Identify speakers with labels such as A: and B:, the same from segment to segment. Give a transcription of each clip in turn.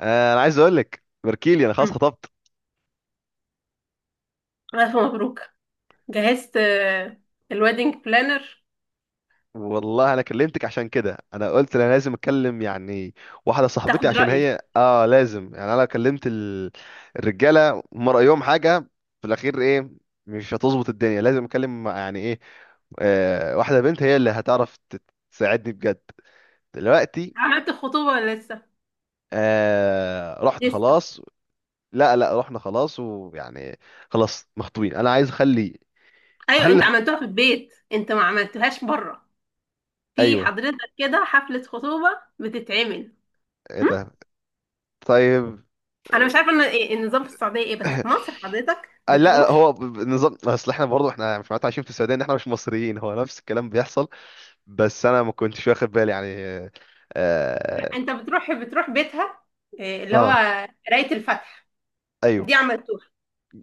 A: انا عايز اقول لك بركيلي انا خلاص
B: مم.
A: خطبت.
B: ألف مبروك. جهزت الويدنج بلانر.
A: والله انا كلمتك عشان كده، انا قلت انا لازم اتكلم يعني واحده صاحبتي،
B: تاخد
A: عشان
B: رأيي.
A: هي لازم يعني انا لو كلمت الرجاله هم رايهم حاجه في الاخير، ايه؟ مش هتظبط الدنيا، لازم اكلم يعني ايه، واحده بنت هي اللي هتعرف تساعدني بجد دلوقتي.
B: عملت الخطوبة ولا لسه؟
A: آه، رحت
B: لسه.
A: خلاص. لا رحنا خلاص، ويعني خلاص مخطوبين. انا عايز اخلي،
B: أيوة، أنت
A: اخلف.
B: عملتوها في البيت، أنت ما عملتوهاش بره؟ في
A: ايوه.
B: حضرتك كده حفلة خطوبة بتتعمل؟
A: ايه
B: مم؟
A: ده؟ طيب.
B: أنا مش عارفة إن إيه النظام في السعودية، إيه، بس في مصر حضرتك
A: لا،
B: بتروح.
A: هو نظام، اصل احنا برضه، احنا مش معناتها عايشين في السعوديه ان احنا مش مصريين، هو نفس الكلام بيحصل. بس انا ما كنتش واخد بالي يعني اه, آه.
B: أنت بتروح بيتها، إيه، اللي هو
A: آه،
B: قراية الفاتحة،
A: ايوه.
B: دي عملتوها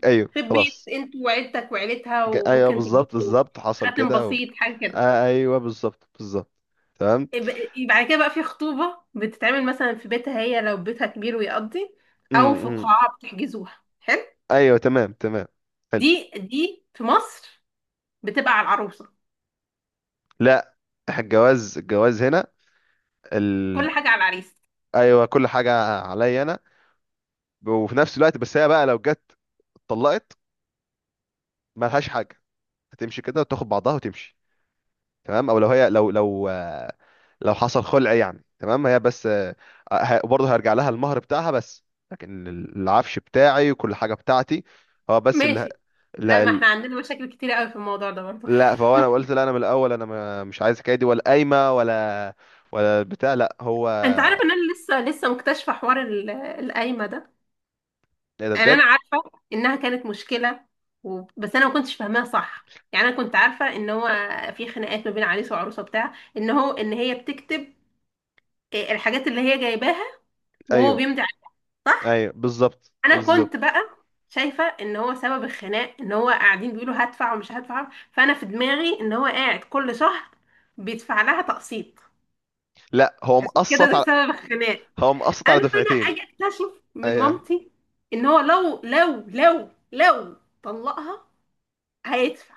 A: ايوه
B: في البيت
A: خلاص.
B: أنت وعيلتك وعيلتها،
A: ايوه،
B: وممكن
A: بالظبط
B: تلبسوا
A: بالظبط، حصل
B: خاتم
A: كده
B: بسيط حاجة كده.
A: آه ايوه، بالظبط بالظبط. تمام.
B: يبقى كده بقى في خطوبة بتتعمل مثلا في بيتها، هي لو بيتها كبير ويقضي، او في
A: امم.
B: قاعة بتحجزوها، حلو.
A: ايوه، تمام تمام. حلو.
B: دي في مصر بتبقى على العروسة.
A: لا، إحنا الجواز هنا
B: كل
A: ال...
B: حاجة على العريس.
A: ايوه، كل حاجه عليا انا. وفي نفس الوقت بس هي بقى لو جت اتطلقت، مالهاش حاجه. هتمشي كده وتاخد بعضها وتمشي. تمام. او لو هي لو لو حصل خلع يعني، تمام، هي بس، برضه هيرجع لها المهر بتاعها، بس لكن العفش بتاعي وكل حاجه بتاعتي، هو بس اللي،
B: ماشي. لا، ما
A: لا
B: احنا عندنا مشاكل كتير قوي في الموضوع ده برضه.
A: لا. فهو انا قلت لا، انا من الاول انا مش عايز الحكايه دي، ولا قايمه ولا ولا بتاع، لا. هو
B: انت عارف ان انا لسه مكتشفة حوار القايمة ده.
A: ايه ده
B: يعني انا
A: بجد؟
B: عارفة انها كانت مشكلة، و بس انا ما كنتش فاهماها صح. يعني انا كنت عارفة ان هو في خناقات ما بين عريس وعروسة بتاع، ان هو ان هي بتكتب الحاجات اللي هي جايباها وهو
A: ايوه
B: بيمضي عليه. صح.
A: ايوه، بالظبط
B: انا كنت
A: بالظبط.
B: بقى شايفه ان هو سبب الخناق ان هو قاعدين بيقولوا هدفع ومش هدفع، فانا في دماغي ان هو قاعد كل شهر بيدفع لها تقسيط،
A: لا هو
B: عشان كده
A: مقسط
B: ده
A: على،
B: سبب الخناق.
A: هو مقسط
B: اما
A: على
B: انا
A: دفعتين.
B: اجي اكتشف من
A: ايوه
B: مامتي ان هو لو طلقها هيدفع.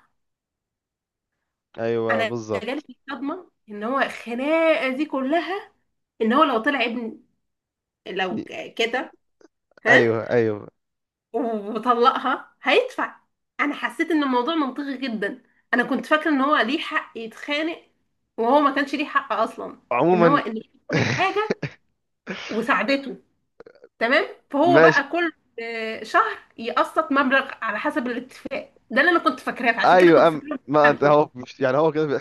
A: ايوه،
B: انا جالي
A: بالظبط.
B: صدمه ان هو الخناقه دي كلها ان هو لو طلع ابن، لو كده. ها.
A: ايوه ايوه.
B: وبطلقها هيدفع. انا حسيت ان الموضوع منطقي جدا. انا كنت فاكره ان هو ليه حق يتخانق، وهو ما كانش ليه حق اصلا، ان هو
A: عموما.
B: اللي كسبت حاجه وساعدته. تمام. فهو
A: ماشي.
B: بقى كل شهر يقسط مبلغ على حسب الاتفاق، ده اللي انا كنت فاكراه، فعشان كده كنت
A: ايوه.
B: فاكره
A: ما انت،
B: بيتخانقوا.
A: هو مش يعني هو كده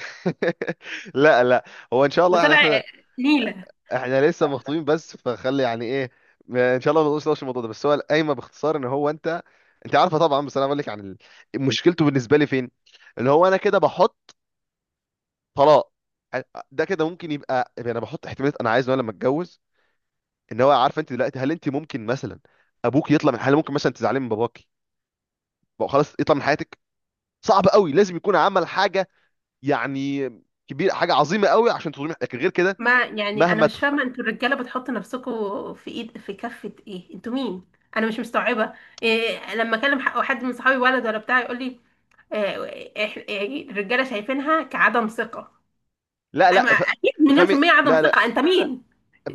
A: لا لا، هو ان شاء
B: ده
A: الله يعني،
B: طلع
A: احنا
B: نيله.
A: احنا لسه مخطوبين بس، فخلي يعني ايه، ان شاء الله ما نقولش نفس الموضوع ده. بس هو القايمه باختصار، ان هو انت، انت عارفه طبعا، بس انا بقول لك عن مشكلته بالنسبه لي فين. اللي هو انا كده بحط طلاق، ده كده ممكن يبقى يعني، انا بحط احتمالات انا عايز، وانا لما اتجوز ان هو عارفه. انت دلوقتي، هل انت ممكن مثلا ابوك يطلع من حاله؟ ممكن مثلا تزعلي من باباكي بقى خلاص يطلع من حياتك؟ صعب قوي، لازم يكون عمل حاجه يعني كبير، حاجه عظيمه قوي عشان تظلمي. لكن غير كده،
B: ما يعني انا
A: مهما
B: مش فاهمه انتوا الرجاله بتحطوا نفسكم في ايد، في كفه ايه؟ انتوا مين؟ انا مش مستوعبه. إيه لما اكلم حد من صحابي ولد ولا بتاع يقول لي آه، يعني الرجاله شايفينها كعدم ثقه.
A: لا
B: اما
A: لا،
B: اكيد مليون في
A: افهمي.
B: الميه عدم
A: لا لا،
B: ثقه، انت مين؟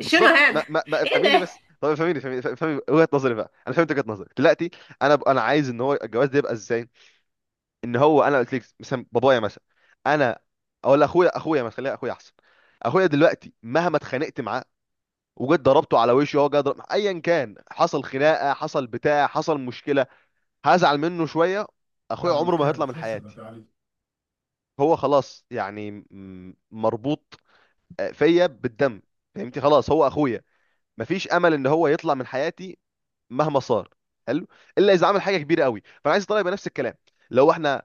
B: شنو
A: ما,
B: هذا؟
A: ما, ما
B: ايه
A: افهميني
B: ده؟
A: بس، طب افهميني، افهمي وجهه نظري بقى، انا فهمت وجهه نظري دلوقتي. انا عايز ان هو الجواز ده يبقى ازاي، ان هو انا قلت لك مثلا بابايا، مثلا انا اقول اخويا، ما تخليها اخويا احسن. اخويا دلوقتي مهما اتخانقت معاه وجيت ضربته على وشه، هو جاي ضرب ايا كان، حصل خناقه، حصل بتاع، حصل مشكله، هزعل منه شويه، اخويا عمره ما هيطلع من حياتي. هو خلاص يعني مربوط فيا بالدم. فهمتي؟ خلاص هو اخويا، مفيش امل ان هو يطلع من حياتي مهما صار. حلو. الا اذا عمل حاجه كبيره قوي. فانا عايز الطلاق يبقى نفس الكلام، لو احنا،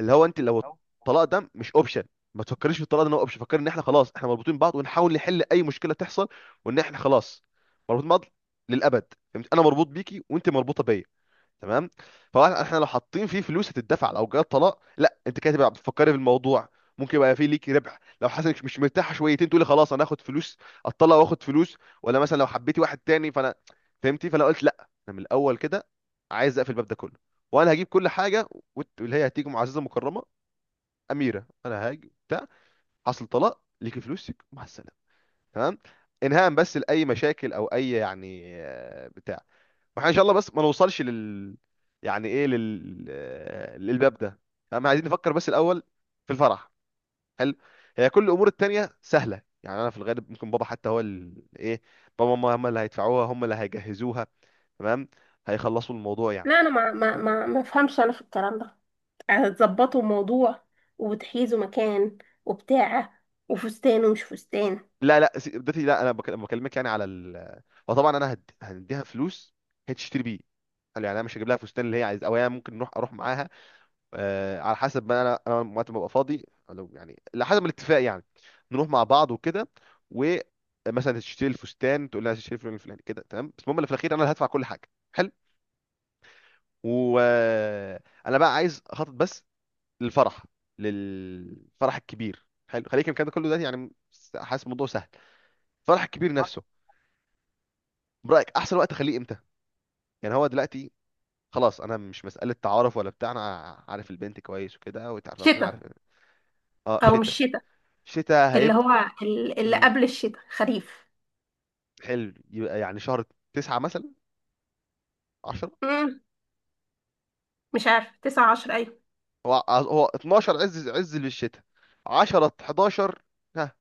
A: اللي هو انت لو، الطلاق ده مش اوبشن. ما تفكريش في الطلاق ده ان هو اوبشن. فكري ان احنا خلاص احنا مربوطين ببعض، ونحاول نحل اي مشكله تحصل، وان احنا خلاص مربوطين ببعض للابد. فهمت؟ انا مربوط بيكي وانت مربوطه بيا. تمام. فهو احنا لو حاطين فيه فلوس هتدفع لو جه طلاق، لا انت كده تبقى بتفكري في الموضوع، ممكن يبقى فيه ليك ربح. لو حاسه انك مش مرتاحه شويتين، تقولي خلاص انا هاخد فلوس، اتطلق واخد فلوس، ولا مثلا لو حبيتي واحد تاني. فانا فهمتي، فانا قلت لا انا من الاول كده، عايز اقفل الباب ده كله. وانا هجيب كل حاجه، واللي هي هتيجي معززه مكرمه، اميره، انا هاجي بتاع، حصل طلاق، ليكي فلوسك مع السلامه. تمام. انهاء بس لاي مشاكل او اي يعني بتاع. واحنا ان شاء الله بس ما نوصلش لل، يعني ايه، لل للباب ده. احنا عايزين نفكر بس الاول في الفرح. حلو. هي كل الامور التانية سهلة يعني، انا في الغالب ممكن بابا، حتى هو ايه، بابا وماما هم اللي هيدفعوها، هم اللي هيجهزوها. تمام، هيخلصوا الموضوع
B: لا،
A: يعني.
B: انا ما افهمش انا في الكلام ده. هتظبطوا موضوع، وتحيزوا مكان، وبتاع، وفستان ومش فستان.
A: لا لا، سي- بدتي لا انا بكلمك يعني على وطبعا انا هنديها فلوس هي تشتري بيه. قال يعني انا مش هجيب لها فستان اللي هي عايز، او هي ممكن نروح، اروح معاها، آه، على حسب ما انا، انا وقت ما ببقى فاضي، لو يعني على حسب الاتفاق يعني، نروح مع بعض وكده، ومثلا تشتري الفستان، تقول لها تشتري الفلان الفلاني كده. تمام، بس المهم اللي في الاخير انا اللي هدفع كل حاجه. حلو. وانا بقى عايز اخطط بس للفرح، للفرح الكبير. حلو، خليك الكلام ده كله دلوقتي يعني، حاسس الموضوع سهل. الفرح الكبير نفسه، برايك احسن وقت اخليه امتى؟ يعني هو دلوقتي خلاص، انا مش مساله تعارف ولا بتاع، انا عارف البنت كويس وكده، وتعرفها، كلنا
B: شتاء
A: عارف. اه
B: او مش
A: شتاء.
B: شتاء؟
A: شتاء
B: اللي
A: هيبقى،
B: هو اللي قبل الشتاء، خريف.
A: حلو، يبقى يعني شهر تسعة مثلا، 10.
B: مم. مش عارف، 9 10، ايوه.
A: هو هو 12 عز عز للشتاء، 10، 11، ها،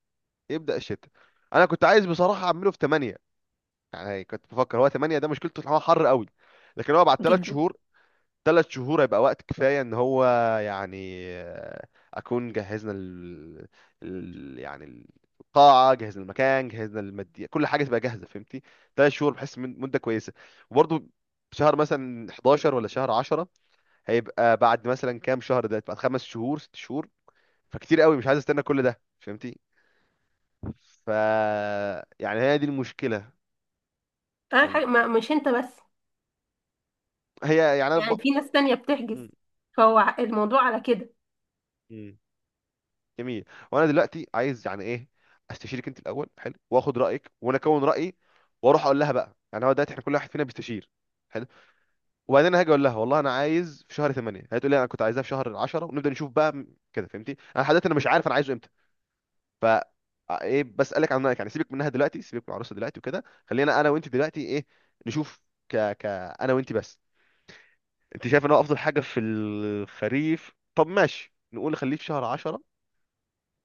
A: يبدأ الشتاء. انا كنت عايز بصراحة اعمله في 8، يعني كنت بفكر، هو 8 ده مشكلته ان هو حر قوي، لكن هو بعد 3
B: جدا.
A: شهور، 3 شهور هيبقى وقت كفاية ان هو يعني اكون جهزنا يعني القاعة، جهزنا المكان، جهزنا المادية، كل حاجة تبقى جاهزة. فهمتي؟ 3 شهور بحس مدة كويسة. وبرضه شهر مثلا 11 ولا شهر 10، هيبقى بعد مثلا كام شهر، ده بعد 5 شهور 6 شهور، فكتير قوي، مش عايز استنى كل ده. فهمتي؟ ف، يعني هي دي المشكله.
B: أنا
A: أم،
B: حاجة، ما مش انت بس،
A: هي يعني انا ب...
B: يعني في ناس تانية بتحجز،
A: م-
B: فهو الموضوع على كده.
A: م. جميل. وانا دلوقتي عايز يعني ايه، استشيرك انت الاول، حلو، واخد رايك وانا اكون رايي، واروح اقول لها بقى. يعني هو دلوقتي احنا كل واحد فينا بيستشير. حلو. وبعدين أنا هاجي اقول لها والله انا عايز في شهر 8، هي تقول لي انا كنت عايزاه في شهر 10، ونبدا نشوف بقى كده. فهمتي؟ انا لحد دلوقتي انا مش عارف انا عايزه امتى. ف ايه، بسألك عن رأيك يعني. سيبك منها دلوقتي، سيبك من العروسة دلوقتي وكده، خلينا انا وانت دلوقتي ايه، نشوف، ك ك انا وانت بس. انت شايف ان هو افضل حاجة في الخريف؟ طب ماشي، نقول خليه في شهر 10.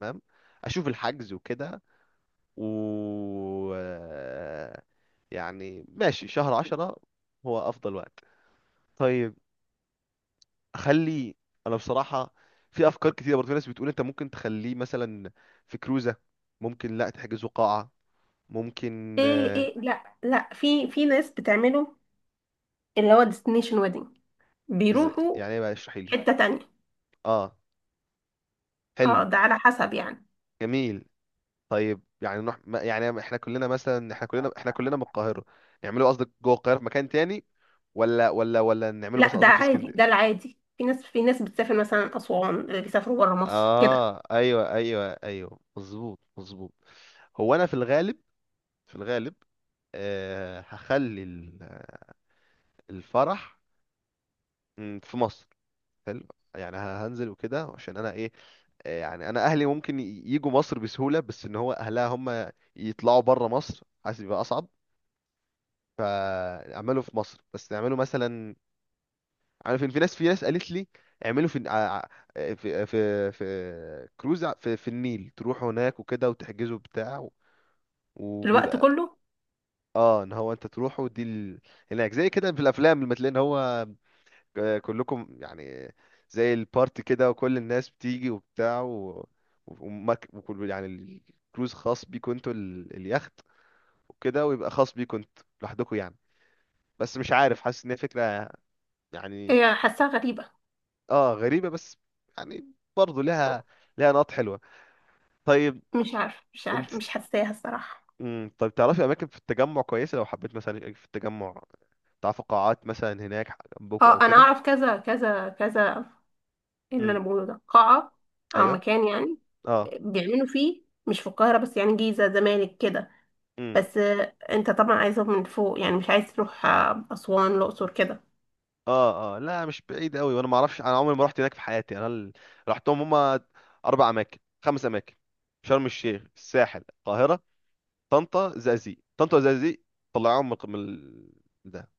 A: تمام، اشوف الحجز وكده و، يعني ماشي شهر 10 هو افضل وقت. طيب، اخلي، انا بصراحة في افكار كتيرة. برضه في ناس بتقول انت ممكن تخليه مثلا في كروزة، ممكن لا تحجزه قاعة، ممكن
B: ايه. ايه، لا لا، في ناس بتعمله، اللي هو ديستنيشن ويدنج، بيروحوا
A: يعني ايه بقى، اشرحي لي.
B: حتة تانية.
A: اه. حلو.
B: اه، ده على حسب يعني.
A: جميل. طيب، يعني نروح يعني احنا كلنا مثلا، احنا كلنا من القاهرة، نعمله قصدك جوه القاهرة في مكان تاني، ولا نعمله
B: لا،
A: مثلا
B: ده
A: قصدك في
B: عادي، ده
A: اسكندرية؟
B: العادي، في ناس بتسافر مثلا أسوان، بيسافروا بره مصر كده.
A: اه ايوه ايوه ايوه، مظبوط مظبوط. هو انا في الغالب، في الغالب، آه، هخلي الفرح، مم، في مصر. حلو يعني، هنزل وكده، عشان انا ايه، يعني انا اهلي ممكن يجوا مصر بسهوله، بس ان هو اهلها هم يطلعوا بره مصر حاسس يبقى اصعب. فاعملوا في مصر، بس اعملوا مثلا، عارف إن في ناس، قالت لي اعملوا في في في كروز في النيل، تروحوا هناك وكده، وتحجزوا بتاع
B: الوقت
A: وبيبقى،
B: كله.
A: اه ان هو انت تروحوا دي هناك زي كده في الافلام، لما تلاقي ان هو كلكم يعني زي البارتي كده، وكل الناس بتيجي وبتاع وكل يعني الكروز خاص بيكوا انتوا اليخت وكده، ويبقى خاص بيكوا انتوا لوحدكم يعني. بس مش عارف، حاسس ان هي فكرة يعني،
B: هي حاساها غريبة.
A: اه غريبة بس يعني، برضه لها، لها نقط حلوة. طيب.
B: مش عارف، مش
A: انت،
B: عارف، مش حاساها الصراحة.
A: مم، طيب تعرفي اماكن في التجمع كويسة؟ لو حبيت مثلا يبقى في التجمع، تعرفي قاعات مثلا هناك جنبكوا او
B: اه، انا
A: كده.
B: اعرف كذا كذا كذا، اللي
A: امم.
B: انا بقوله ده قاعة او
A: ايوه.
B: مكان يعني
A: اه
B: بيعملوا فيه، مش في القاهرة بس، يعني جيزة زمالك كده. بس انت طبعا عايزه من فوق، يعني مش عايز تروح اسوان الاقصر كده.
A: اه اه، لا مش بعيد قوي. وانا ما اعرفش، انا عمري ما رحت هناك في حياتي، انا رحتهم هما 4 اماكن، 5 اماكن، شرم الشيخ، الساحل، القاهره، طنطا، زقازيق، طنطا وزقازيق، طلعوهم من ده.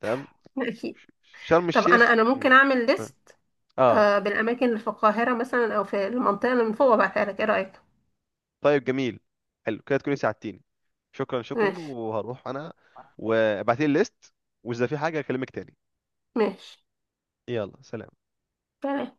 A: تمام.
B: لا، اكيد.
A: ش- شرم
B: طب انا
A: الشيخ.
B: انا ممكن
A: مم.
B: اعمل ليست
A: اه.
B: بالاماكن اللي في القاهره مثلا او في المنطقه اللي من فوق وابعتها لك، ايه رايك؟
A: طيب، جميل. حلو، كده تكوني ساعدتيني. شكرا شكرا،
B: ماشي.
A: وهروح انا، وابعتيلي الليست، واذا في حاجه اكلمك تاني.
B: ماشي.
A: يلا سلام.
B: سلام.